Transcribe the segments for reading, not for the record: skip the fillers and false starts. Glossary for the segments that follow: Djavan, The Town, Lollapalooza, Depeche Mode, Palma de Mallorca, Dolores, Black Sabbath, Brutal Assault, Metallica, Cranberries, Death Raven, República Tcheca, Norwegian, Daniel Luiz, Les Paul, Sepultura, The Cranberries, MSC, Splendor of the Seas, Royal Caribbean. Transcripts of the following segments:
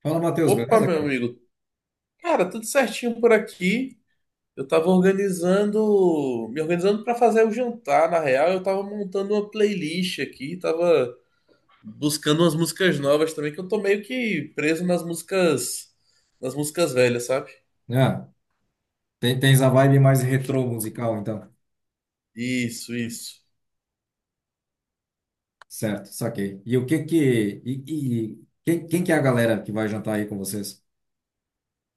Fala, Matheus, Opa, beleza, meu cara? amigo. Cara, tudo certinho por aqui. Eu tava organizando, me organizando para fazer o jantar. Na real, eu tava montando uma playlist aqui, tava buscando umas músicas novas também, que eu tô meio que preso nas músicas velhas, sabe? Ah, tens a vibe mais retrô musical, então. Isso, isso. Certo, saquei. E quem que é a galera que vai jantar aí com vocês?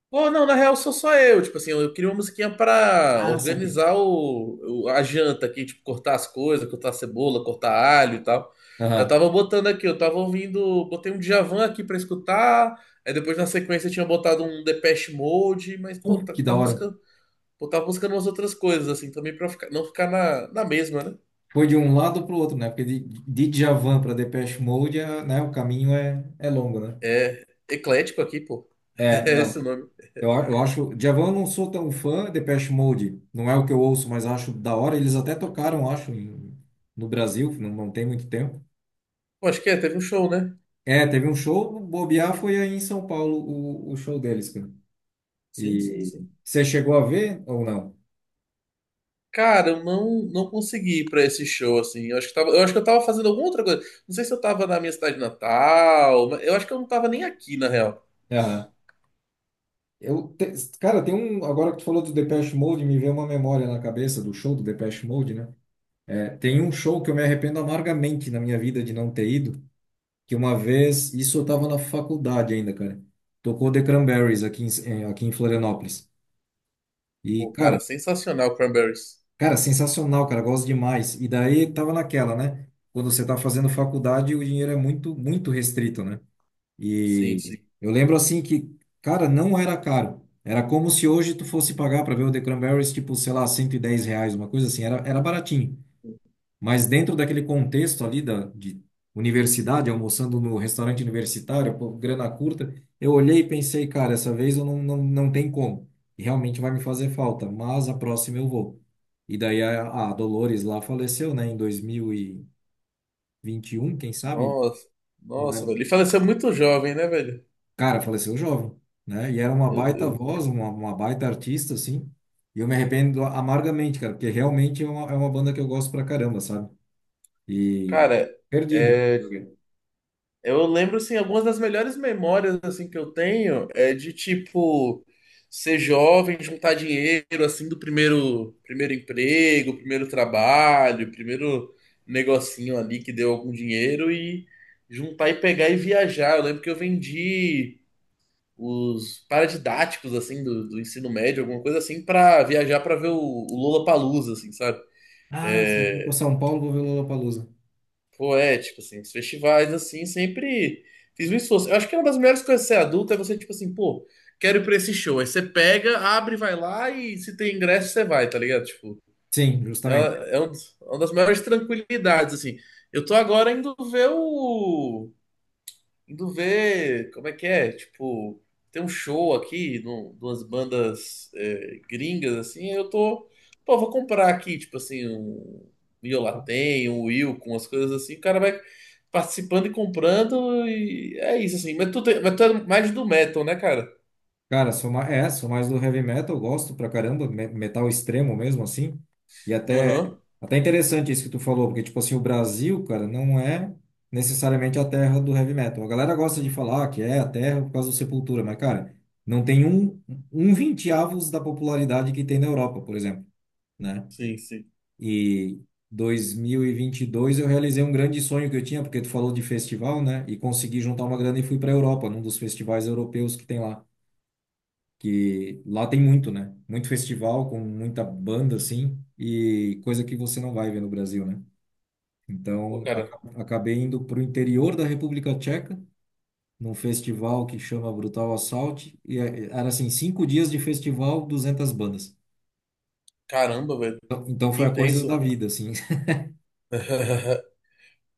Pô, não, na real sou só eu. Tipo assim, eu queria uma musiquinha pra Ah, saquei. organizar a janta aqui, tipo, cortar as coisas, cortar cebola, cortar alho e tal. Eu Aham. tava botando aqui, eu tava ouvindo, botei um Djavan aqui pra escutar, aí depois na sequência eu tinha botado um Depeche Mode, mas, pô, Que da tava hora. buscando, pô, tava buscando umas outras coisas, assim, também pra ficar, não ficar na mesma, né? Foi de um lado pro outro, né? Porque de Djavan para Depeche Mode, é, né, o caminho é longo, né? É, eclético aqui, pô, É, é esse não. o nome. Eu acho... Djavan eu não sou tão fã, Depeche Mode não é o que eu ouço, mas acho da hora. Eles até tocaram, acho, no Brasil, não, não tem muito tempo. Pô, acho que é, teve um show, né? É, teve um show, bobear foi aí em São Paulo o show deles, cara. Sim, sim, E sim. você chegou a ver ou não? Cara, eu não, não consegui ir pra esse show, assim. Eu acho que tava, eu acho que eu tava fazendo alguma outra coisa. Não sei se eu tava na minha cidade natal, mas eu acho que eu não tava nem aqui, na real. Aham. Eu, te- Cara, tem um, agora que tu falou do Depeche Mode, me veio uma memória na cabeça do show do Depeche Mode, né? É, tem um show que eu me arrependo amargamente na minha vida de não ter ido, que uma vez, isso eu tava na faculdade ainda, cara. Tocou The Cranberries aqui aqui em Florianópolis. E, Pô, cara, cara, sensacional, Cranberries. Cara, sensacional, cara, gosto demais. E daí tava naquela, né? Quando você tá fazendo faculdade, o dinheiro é muito, muito restrito, né? Sim, E sim. eu lembro assim que, cara, não era caro. Era como se hoje tu fosse pagar para ver o The Cranberries, tipo, sei lá, R$110, uma coisa assim, era baratinho. Mas dentro daquele contexto ali da, de universidade, almoçando no restaurante universitário, pô, grana curta, eu olhei e pensei, cara, essa vez eu não, não, não tem como. E realmente vai me fazer falta, mas a próxima eu vou. E daí a Dolores lá faleceu, né, em dois mil e vinte e um, quem sabe? Nossa, Não nossa, velho. lembro. Ele faleceu muito jovem, né, velho? Cara, faleceu jovem, né? E era uma Meu baita Deus. voz, uma baita artista, assim. E eu me arrependo amargamente, cara, porque realmente é uma banda que eu gosto pra caramba, sabe? E Cara, perdi, né? é. Eu lembro, assim, algumas das melhores memórias, assim, que eu tenho é de, tipo, ser jovem, juntar dinheiro, assim, do primeiro emprego, primeiro trabalho, primeiro negocinho ali que deu algum dinheiro e juntar e pegar e viajar. Eu lembro que eu vendi os paradidáticos, assim, do ensino médio, alguma coisa assim, pra viajar pra ver o Lollapalooza, assim, sabe? Ah, se eu for para São Paulo, vou ver o Lollapalooza. Pô, é, tipo assim, os festivais, assim, sempre fiz um esforço. Eu acho que é uma das melhores coisas de ser adulto é você, tipo assim, pô, quero ir pra esse show. Aí você pega, abre, vai lá e se tem ingresso, você vai, tá ligado? Tipo, Sim, é uma, justamente. é um- é uma das maiores tranquilidades, assim. Eu tô agora indo ver o, Indo ver como é que é, tipo, tem um show aqui de umas bandas gringas, assim, pô, vou comprar aqui, tipo assim, um Miolatém, um Will, com as coisas assim, o cara vai participando e comprando e é isso, assim, mas mas tu é mais do metal, né, cara? Cara, sou mais do heavy metal, gosto pra caramba, metal extremo mesmo, assim. E até, Aham, até interessante isso que tu falou, porque, tipo assim, o Brasil, cara, não é necessariamente a terra do heavy metal. A galera gosta de falar que é a terra por causa do Sepultura, mas, cara, não tem um vinteavos da popularidade que tem na Europa, por exemplo, né? sim, sim. E dois mil e vinte e dois eu realizei um grande sonho que eu tinha, porque tu falou de festival, né? E consegui juntar uma grana e fui para a Europa, num dos festivais europeus que tem lá. Que lá tem muito, né? Muito festival com muita banda, assim, e coisa que você não vai ver no Brasil, né? Pô, Então, cara, acabei indo para o interior da República Tcheca, num festival que chama Brutal Assault, e era assim, 5 dias de festival, 200 bandas. caramba, velho, Então que foi a coisa da intenso. vida, assim.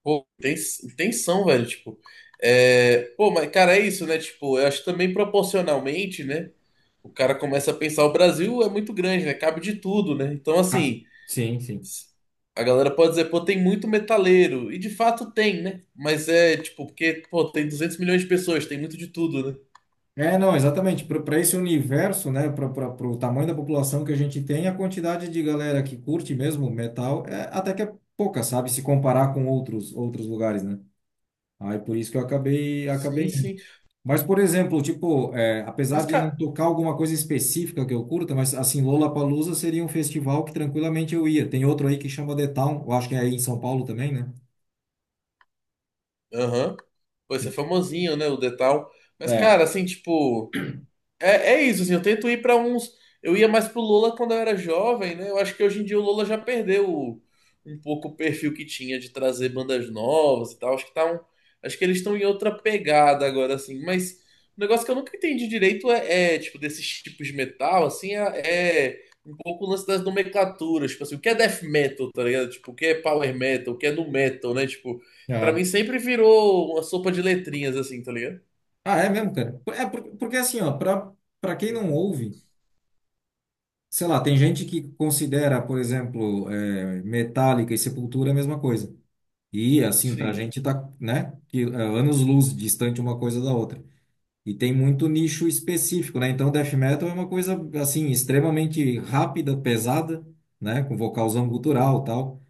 Pô, tensão, velho, tipo. É... Pô, mas, cara, é isso, né? Tipo, eu acho que também proporcionalmente, né? O cara começa a pensar, o Brasil é muito grande, né? Cabe de tudo, né? Então, Ah, assim, sim, sim. s- a galera pode dizer, pô, tem muito metaleiro. E de fato tem, né? Mas é, tipo, porque, pô, tem 200 milhões de pessoas, tem muito de tudo, né? É, não, exatamente. Para esse universo, né, para o tamanho da população que a gente tem, a quantidade de galera que curte mesmo metal é até que é pouca, sabe? Se comparar com outros lugares, né? Aí por isso que eu acabei Sim, acabei indo. sim. Mas, por exemplo, tipo, apesar Mas, de não cara, tocar alguma coisa específica que eu curta, mas assim, Lollapalooza seria um festival que tranquilamente eu ia. Tem outro aí que chama The Town, eu acho que é aí em São Paulo também, né? aham. Pô, esse é famosinho, né? O Detal. Mas, É. cara, assim, tipo. É, é isso, assim, eu tento ir pra uns. Eu ia mais pro Lola quando eu era jovem, né? Eu acho que hoje em dia o Lola já perdeu o- um pouco o perfil que tinha de trazer bandas novas e tal. Acho que tá um, acho que eles estão em outra pegada agora, assim. Mas o negócio que eu nunca entendi direito tipo, desses tipos de metal, assim, é um pouco o lance das nomenclaturas. Tipo assim, o que é death metal, tá ligado? Tipo, o que é power metal, o que é nu metal, né? Tipo, pra mim Aham. sempre virou uma sopa de letrinhas, assim, tá ligado? Ah, é mesmo, cara? É porque assim, ó, para quem não ouve. Sei lá, tem gente que considera, por exemplo, Metallica e Sepultura a mesma coisa. E assim, pra Sim. gente tá, né, anos-luz distante uma coisa da outra. E tem muito nicho específico, né? Então, death metal é uma coisa assim extremamente rápida, pesada, né, com vocalzão gutural, tal.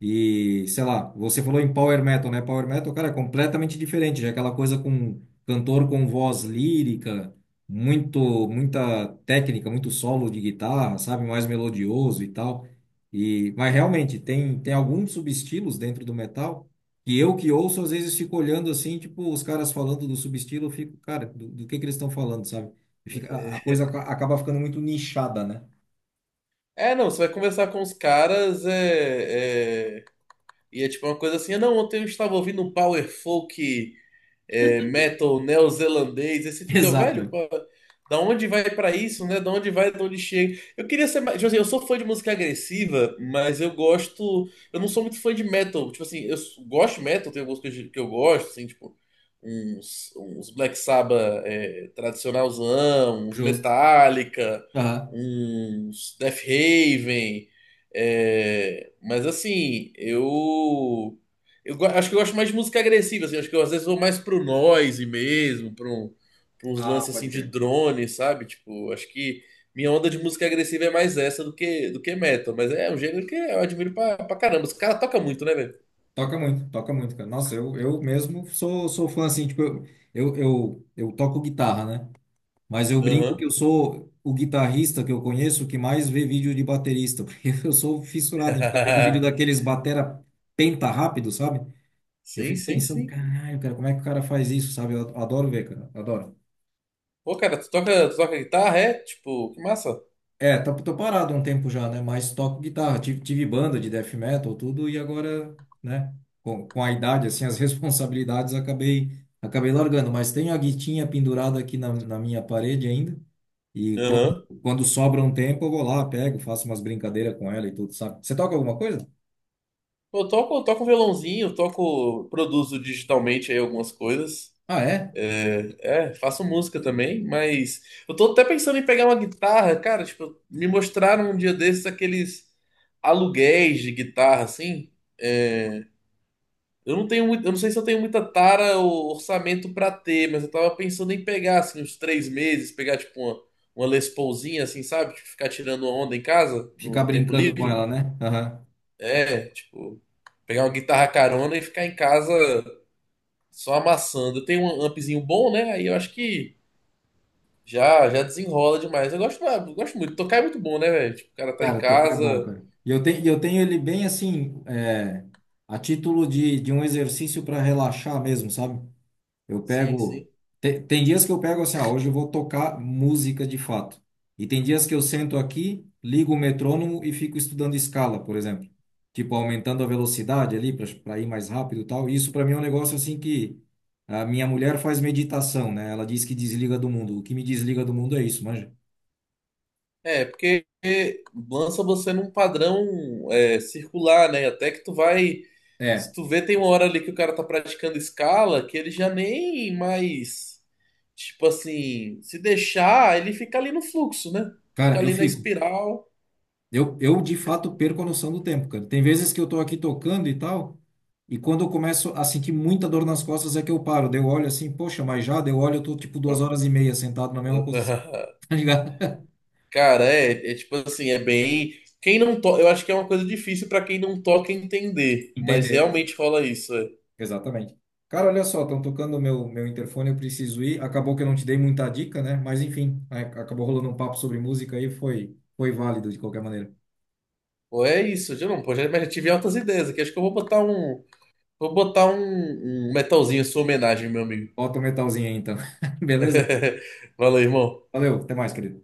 E, sei lá, você falou em Power Metal, né? Power Metal, cara, é completamente diferente, já é aquela coisa com cantor com voz lírica, muito, muita técnica, muito solo de guitarra, sabe? Mais melodioso e tal. E, mas realmente, tem alguns subestilos dentro do metal que eu que ouço, às vezes fico olhando assim, tipo, os caras falando do subestilo, eu fico, cara, do que eles estão falando, sabe? Fica, a coisa acaba ficando muito nichada, né? É, não, você vai conversar com os caras, e é tipo uma coisa assim: "Ah, não, ontem eu estava ouvindo um power folk metal neozelandês." Aí você fica, Exato, velho, é. pô, da onde vai pra isso, né? Da onde vai, da onde chega. Eu queria ser mais. Tipo assim, eu sou fã de música agressiva, mas eu gosto. Eu não sou muito fã de metal. Tipo assim, gosto de metal, tem algumas coisas que eu gosto, assim, tipo. Uns Black Sabbath tradicionalzão, uns Justo. Metallica, Aham. uns Death Raven, é, mas assim, acho que eu gosto mais de música agressiva, assim. Acho que eu às vezes vou mais pro noise mesmo, pra uns Ah, lances assim pode de crer. drone, sabe? Tipo, acho que minha onda de música agressiva é mais essa do que metal. Mas é um gênero que eu admiro pra caramba. Os caras tocam muito, né, velho? Toca muito, cara. Nossa, eu mesmo sou fã, assim, tipo, eu toco guitarra, né? Mas eu brinco que Aham. eu sou o guitarrista que eu conheço que mais vê vídeo de baterista, porque eu sou fissurado em ficar vendo vídeo daqueles batera penta rápido, sabe? Eu Sim, fico sim, pensando, sim. caralho, cara, como é que o cara faz isso, sabe? Eu adoro ver, cara, adoro. Pô, cara, tu toca guitarra, é? Tipo, que massa. É, tô parado há um tempo já, né? Mas toco guitarra. Tive banda de death metal, tudo, e agora, né? Com a idade, assim, as responsabilidades, acabei largando. Mas tenho a guitinha pendurada aqui na minha parede ainda. E quando, Aham. quando sobra um tempo, eu vou lá, pego, faço umas brincadeiras com ela e tudo, sabe? Você toca alguma coisa? Pô, eu toco, eu toco violãozinho, eu toco, produzo digitalmente aí algumas coisas. Ah, é? É, é, faço música também, mas eu tô até pensando em pegar uma guitarra, cara, tipo, me mostraram um dia desses aqueles aluguéis de guitarra, assim. É, eu não tenho muito, eu não sei se eu tenho muita tara ou orçamento pra ter, mas eu tava pensando em pegar, assim, uns 3 meses, pegar, tipo, uma Les Paulzinha, assim, sabe? Tipo, ficar tirando onda em casa, Ficar no tempo brincando com livre. ela, né? Aham. É, tipo, pegar uma guitarra carona e ficar em casa só amassando. Eu tenho um ampzinho bom, né? Aí eu acho que já desenrola demais. Eu gosto, ah, eu gosto muito. Tocar é muito bom, né, velho? Tipo, o cara tá em Cara, tocar é casa. bom, cara. E eu tenho ele bem assim, a título de um exercício para relaxar mesmo, sabe? Eu Sim, pego. sim. Tem dias que eu pego assim, ah, hoje eu vou tocar música de fato. E tem dias que eu sento aqui, ligo o metrônomo e fico estudando escala, por exemplo. Tipo, aumentando a velocidade ali para ir mais rápido e tal. Isso para mim é um negócio assim que a minha mulher faz meditação, né? Ela diz que desliga do mundo. O que me desliga do mundo é isso, manja. É, porque lança você num padrão circular, né? Até que tu vai. Se É, tu vê, tem uma hora ali que o cara tá praticando escala, que ele já nem mais. Tipo assim, se deixar, ele fica ali no fluxo, né? Fica cara, eu ali na fico. espiral. Eu de fato perco a noção do tempo, cara. Tem vezes que eu tô aqui tocando e tal, e quando eu começo a sentir muita dor nas costas é que eu paro. Daí eu olho assim, poxa, mas já, daí eu olho, eu tô tipo 2 horas e meia sentado na mesma posição, tá ligado? Cara, é, é tipo assim, é bem. Quem não toca, eu acho que é uma coisa difícil pra quem não toca entender, mas Entender, realmente rola isso. É. exatamente. Cara, olha só, estão tocando o meu interfone, eu preciso ir. Acabou que eu não te dei muita dica, né? Mas enfim, acabou rolando um papo sobre música aí, foi válido de qualquer maneira. Pô, é isso, já não, pô, já, mas já tive altas ideias aqui. Acho que eu vou botar um, vou botar um metalzinho em sua homenagem, meu amigo. Bota o metalzinho aí então. Beleza? Valeu, irmão. Valeu, até mais, querido.